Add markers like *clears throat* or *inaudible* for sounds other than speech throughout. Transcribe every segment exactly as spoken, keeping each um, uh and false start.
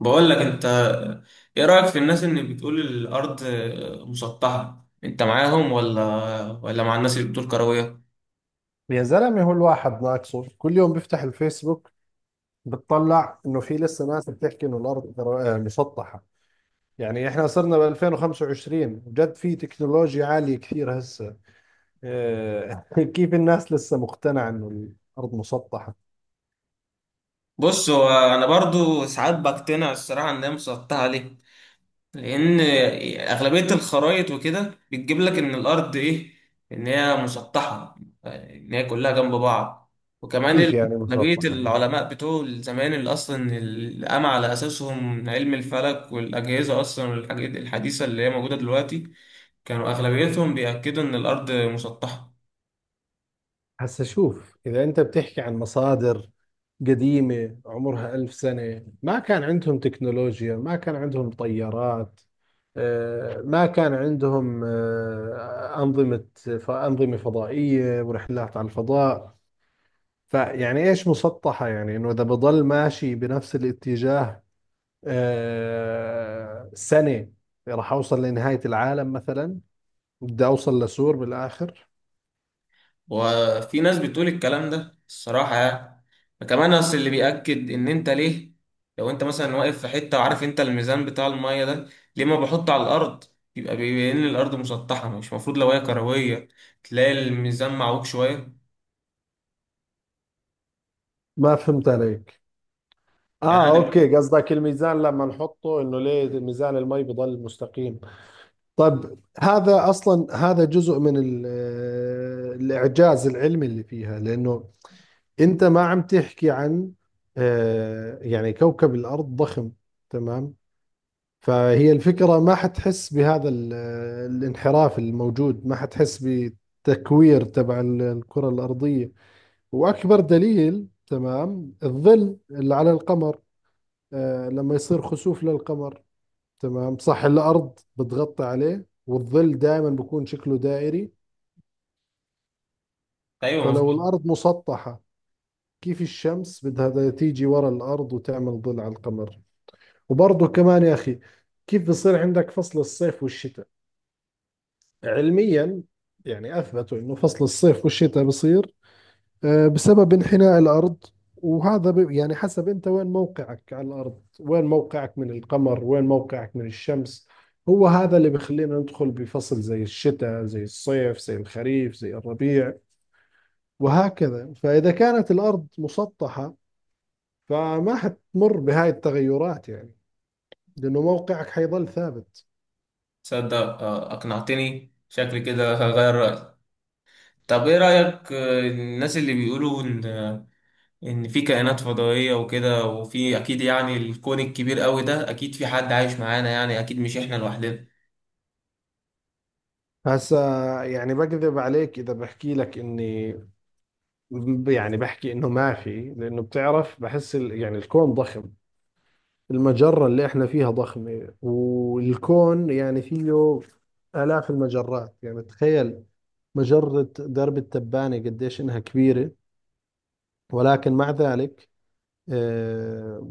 بقول لك انت، ايه رأيك في الناس اللي بتقول الارض مسطحة؟ انت معاهم ولا ولا مع الناس اللي بتقول كروية؟ يا زلمة، هو الواحد ناقصه؟ كل يوم بيفتح الفيسبوك بتطلع انه في لسه ناس بتحكي انه الارض در- آه، مسطحة. يعني احنا صرنا ب ألفين وخمسة وعشرين، وجد في تكنولوجيا عالية كثير هسه. آه، *laughs* كيف الناس لسه مقتنعة انه الارض مسطحة؟ بص، هو انا برضو ساعات بقتنع الصراحة ان هي مسطحة. ليه؟ لان اغلبيه الخرائط وكده بتجيب لك ان الارض ايه، ان هي مسطحه، ان هي كلها جنب بعض. وكمان كيف ال- يعني اغلبيه مسطحة؟ العلماء بتوع زمان اللي اصلا اللي قام على اساسهم علم الفلك والاجهزه اصلا والحاجات الحديثه اللي هي موجوده دلوقتي، كانوا اغلبيتهم بيأكدوا ان الارض مسطحه. هسا شوف، إذا أنت بتحكي عن مصادر قديمة عمرها ألف سنة، ما كان عندهم تكنولوجيا، ما كان عندهم طيارات، آه، ما كان عندهم آه، أنظمة أنظمة فضائية ورحلات على الفضاء. فيعني إيش مسطحة؟ يعني إنه إذا بضل ماشي بنفس الاتجاه آه، سنة راح أوصل لنهاية العالم مثلا، بدي أوصل لسور بالآخر. وفي ناس بتقول الكلام ده الصراحة يعني. كمان أصل اللي بيأكد إن أنت ليه، لو أنت مثلا واقف في حتة وعارف أنت الميزان بتاع المية ده، ليه ما بحطه على الأرض؟ يبقى بيبين إن الأرض مسطحة. مش المفروض لو هي كروية تلاقي الميزان معوج شوية؟ ما فهمت عليك. يعني اه، أنا دلوقتي. اوكي، قصدك الميزان لما نحطه انه ليه ميزان المي بضل مستقيم. طب هذا اصلا هذا جزء من ال- آه، الاعجاز العلمي اللي فيها، لانه انت ما عم تحكي عن آه، يعني كوكب الارض ضخم، تمام؟ فهي الفكرة ما حتحس بهذا ال- آه، الانحراف الموجود، ما حتحس بتكوير تبع ال- الكرة الارضية. واكبر دليل، تمام، الظل اللي على القمر. آه، لما يصير خسوف للقمر، تمام صح، الأرض بتغطي عليه، والظل دائما بيكون شكله دائري. أيوه مظبوط. فلو الأرض مسطحة، كيف الشمس بدها تيجي ورا الأرض وتعمل ظل على القمر؟ وبرضه كمان يا أخي، كيف بصير عندك فصل الصيف والشتاء علميا؟ يعني أثبتوا إنه فصل الصيف والشتاء بصير آه، بسبب انحناء الأرض، وهذا ب- يعني حسب أنت وين موقعك على الأرض، وين موقعك من القمر، وين موقعك من الشمس. هو هذا اللي بخلينا ندخل بفصل زي الشتاء، زي الصيف، زي الخريف، زي الربيع، وهكذا. فإذا كانت الأرض مسطحة، فما حتمر بهاي التغيرات، يعني لأنه موقعك حيظل ثابت. تصدق، آه، أقنعتني، شكلي كده هغير رأيي. طب إيه رأيك آه، الناس اللي بيقولوا إن ان في كائنات فضائية وكده؟ وفي اكيد، يعني الكون الكبير قوي ده اكيد في حد عايش معانا، يعني اكيد مش احنا لوحدنا. هسا يعني بكذب عليك إذا بحكي لك إني يعني بحكي إنه ما في، لأنه بتعرف بحس ال- يعني الكون ضخم. المجرة اللي احنا فيها ضخمة، والكون يعني فيه آلاف المجرات. يعني تخيل، مجرة درب التبانة قديش إنها كبيرة. ولكن مع ذلك، آه،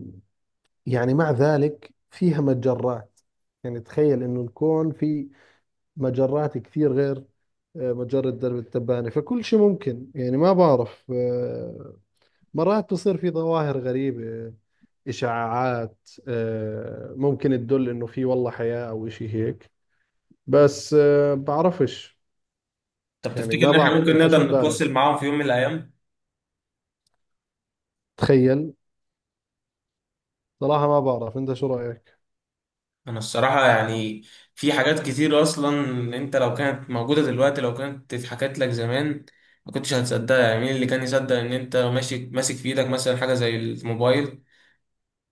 يعني مع ذلك فيها مجرات. يعني تخيل إنه الكون فيه مجرات كثير غير آه، مجرة درب التبانة. فكل شيء ممكن، يعني ما بعرف. آه، مرات بصير في ظواهر غريبة، إشاعات، آه، ممكن تدل إنه في والله حياة أو إشي هيك، بس آه، بعرفش. طب يعني تفتكر ما ان احنا بعرف ممكن أنت شو نقدر ببالك، نتواصل معاهم في يوم من الايام؟ تخيل. صراحة ما بعرف أنت شو رأيك. انا الصراحة يعني في حاجات كتير اصلا. انت لو كانت موجودة دلوقتي، لو كانت اتحكت لك زمان، ما كنتش هتصدقها. يعني مين اللي كان يصدق ان انت ماشي ماسك في ايدك مثلا حاجة زي الموبايل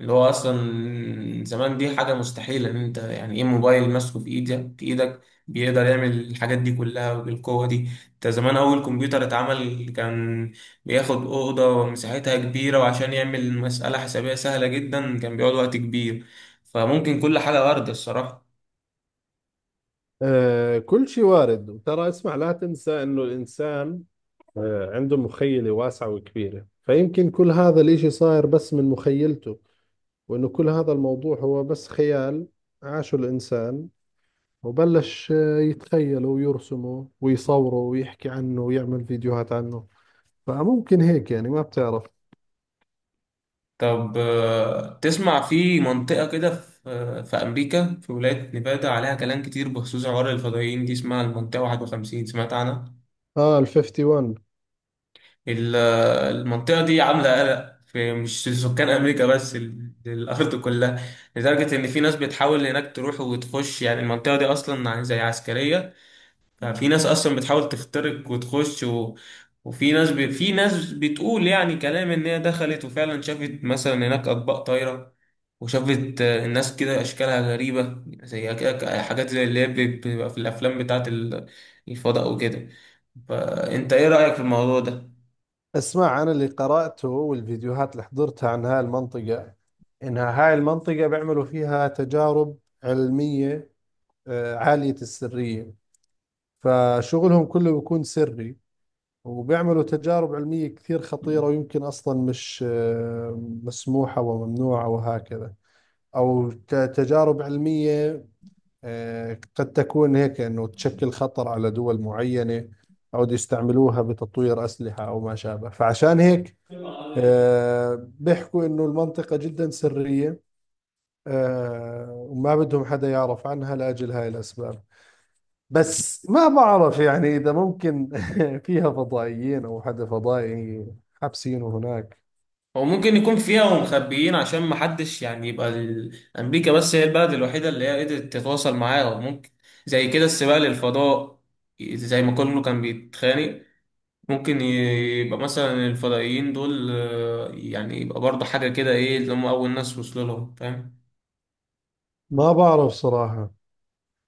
اللي هو اصلا زمان دي حاجه مستحيله، ان انت يعني ايه موبايل ماسكه في ايدك في ايدك بيقدر يعمل الحاجات دي كلها بالقوه دي؟ انت زمان اول كمبيوتر اتعمل كان بياخد اوضه ومساحتها كبيره، وعشان يعمل مساله حسابيه سهله جدا كان بيقعد وقت كبير. فممكن كل حاجه ارض الصراحه. آه كل شيء وارد. وترى اسمع، لا تنسى انه الانسان آه عنده مخيلة واسعة وكبيرة، فيمكن كل هذا الاشي صاير بس من مخيلته، وانه كل هذا الموضوع هو بس خيال عاشه الانسان وبلش يتخيله ويرسمه ويصوره ويحكي عنه ويعمل فيديوهات عنه. فممكن هيك، يعني ما بتعرف. طب آه، تسمع في منطقه كده، في آه، في امريكا في ولايه نيفادا عليها كلام كتير بخصوص عوار الفضائيين دي، اسمها المنطقه واحد وخمسين. سمعت عنها؟ اه، ال واحد وخمسين. ال- المنطقة دي عاملة قلق في، مش سكان أمريكا بس، ال- الأرض كلها، لدرجة إن في ناس بتحاول هناك تروح وتخش. يعني المنطقة دي أصلا زي عسكرية، ففي ناس أصلا بتحاول تخترق وتخش و... وفي ناس ب... في ناس بتقول يعني كلام إن هي دخلت وفعلا شافت مثلا هناك أطباق طايرة، وشافت آه، الناس كده أشكالها غريبة، زي كده حاجات زي اللي هي بتبقى في الأفلام بتاعت ال- الفضاء وكده. فأنت إيه رأيك في الموضوع ده؟ اسمع، انا اللي قرأته والفيديوهات اللي حضرتها عن هاي المنطقة، انها هاي المنطقة بيعملوا فيها تجارب علمية آه، عالية السرية. فشغلهم كله بيكون سري، وبيعملوا تجارب علمية كثير خطيرة، ويمكن أصلا مش آه، مسموحة وممنوعة، وهكذا، أو ت- تجارب علمية آه، قد تكون هيك انه تشكل خطر على دول معينة، او بده يستعملوها بتطوير اسلحة او ما شابه. فعشان هيك آه، بيحكوا انه المنطقة جدا سرية، آه، وما بدهم حدا يعرف عنها لاجل هاي الاسباب. بس ما بعرف، يعني اذا ممكن *laughs* فيها فضائيين او حدا فضائي حابسينه هناك. هو ممكن يكون فيها ومخبيين عشان محدش يعني، يبقى ال- أمريكا بس هي البلد الوحيدة اللي هي قدرت تتواصل معاه. ممكن زي كده السباق للفضاء، زي ما كله كان بيتخانق، ممكن ي- يبقى مثلا الفضائيين دول آه، يعني يبقى برضه حاجة كده، إيه اللي هم أول ناس وصلوا لهم؟ فاهم؟ ما بعرف صراحة.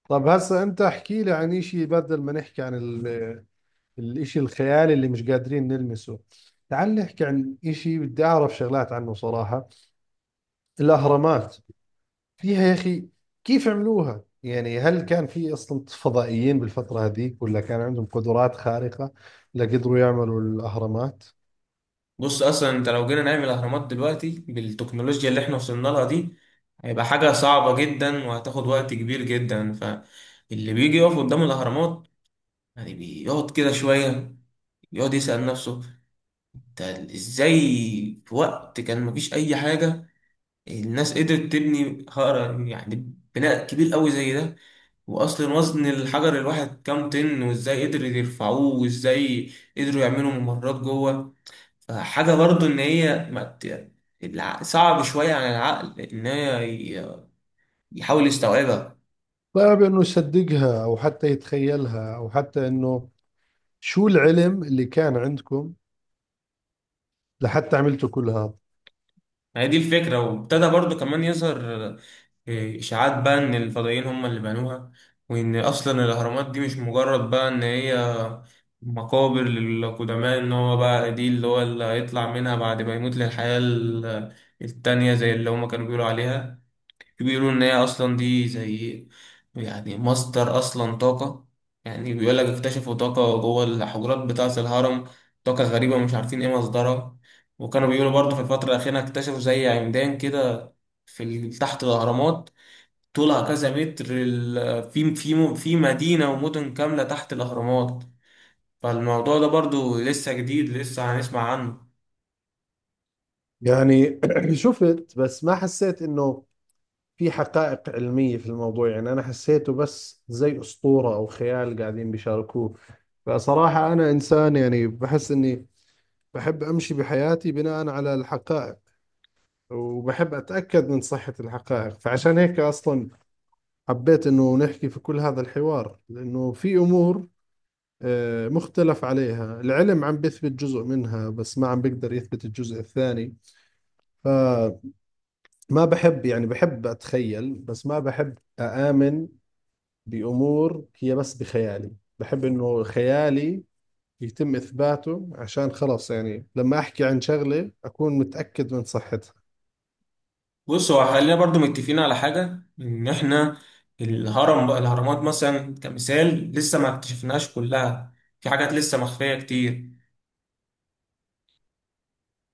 طب هسا انت احكي لي عن شيء، بدل ما نحكي عن الإشي الخيالي اللي مش قادرين نلمسه، تعال نحكي عن إشي بدي أعرف شغلات عنه صراحة. الأهرامات، فيها يا أخي، كيف عملوها؟ يعني هل كان في أصلا فضائيين بالفترة هذيك، ولا كان عندهم قدرات خارقة لقدروا يعملوا الأهرامات؟ بص أصلا أنت لو جينا نعمل أهرامات دلوقتي بالتكنولوجيا اللي إحنا وصلنا لها دي، هيبقى حاجة صعبة جدا وهتاخد وقت كبير جدا. فاللي بيجي يقف قدام الأهرامات يعني بيقعد كده شوية يقعد يسأل نفسه "ده ازاي في وقت كان مفيش اي حاجة الناس قدرت تبني هقرة، يعني بناء كبير قوي زي ده؟ واصلا وزن الحجر الواحد كام طن؟ وازاي قدروا يرفعوه؟ وازاي قدروا يعملوا ممرات جوه؟" فحاجة برضو ان هي ما ت- الع- صعب شوية على العقل ان هي ي- يحاول يستوعبها. صعب إنه يصدقها، أو حتى يتخيلها، أو حتى إنه شو العلم اللي كان عندكم لحتى عملتوا كل هذا. ما هي دي الفكرة. وابتدى برضو كمان يظهر إشاعات بقى إن الفضائيين هم اللي بنوها، وإن أصلا الأهرامات دي مش مجرد بقى إن هي مقابر للقدماء، إن هو بقى دي اللي هو اللي هيطلع منها بعد ما يموت للحياة ال- التانية زي اللي هما كانوا بيقولوا عليها. بيقولوا إن هي أصلا دي زي يعني مصدر أصلا طاقة. يعني بيقول لك اكتشفوا طاقة جوه الحجرات بتاعة الهرم، طاقة غريبة مش عارفين إيه مصدرها. وكانوا بيقولوا برضه في الفترة الأخيرة اكتشفوا زي عمدان كده في ال- تحت الأهرامات، طولها كذا متر، ال- في في في مدينة ومدن كاملة تحت الأهرامات. فالموضوع ده برضو لسه جديد، لسه هنسمع عنه. يعني *clears throat* شفت، بس ما حسيت إنه في حقائق علمية في الموضوع. يعني أنا حسيته بس زي أسطورة أو خيال قاعدين بيشاركوه. فصراحة أنا إنسان يعني بحس إني بحب أمشي بحياتي بناء على الحقائق، وبحب أتأكد من صحة الحقائق. فعشان هيك أصلا حبيت إنه نحكي في كل هذا الحوار، لأنه في أمور آه، مختلف عليها، العلم عم بيثبت جزء منها بس ما عم بيقدر يثبت الجزء الثاني. فما بحب يعني، بحب أتخيل، بس ما بحب أآمن بأمور هي بس بخيالي. بحب إنه خيالي يتم إثباته، عشان خلاص يعني لما أحكي عن شغلة أكون متأكد من صحتها. بص، هو خلينا برضو متفقين على حاجة إن إحنا الهرم بقى الأهرامات مثلا كمثال لسه ما اكتشفناهاش كلها، في حاجات لسه مخفية كتير.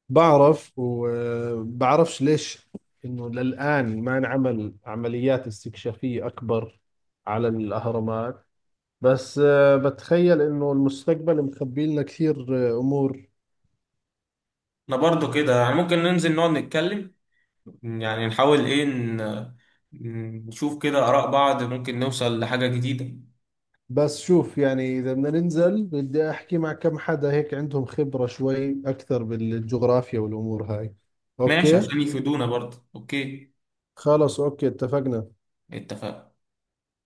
بعرف، وبعرفش ليش إنه للآن ما انعمل عمليات استكشافية أكبر على الأهرامات. بس آه، بتخيل إنه المستقبل مخبي لنا كثير آه، أمور. أنا برضو كده يعني ممكن ننزل نقعد نتكلم، يعني نحاول إيه ن- نشوف كده آراء بعض، ممكن نوصل لحاجة جديدة. بس شوف يعني، إذا بدنا ننزل، بدي أحكي مع كم حدا هيك عندهم خبرة شوي أكثر بالجغرافيا والأمور هاي. ماشي، أوكي. عشان يفيدونا برضو. أوكي خلص، أوكي، اتفقنا. اتفقنا.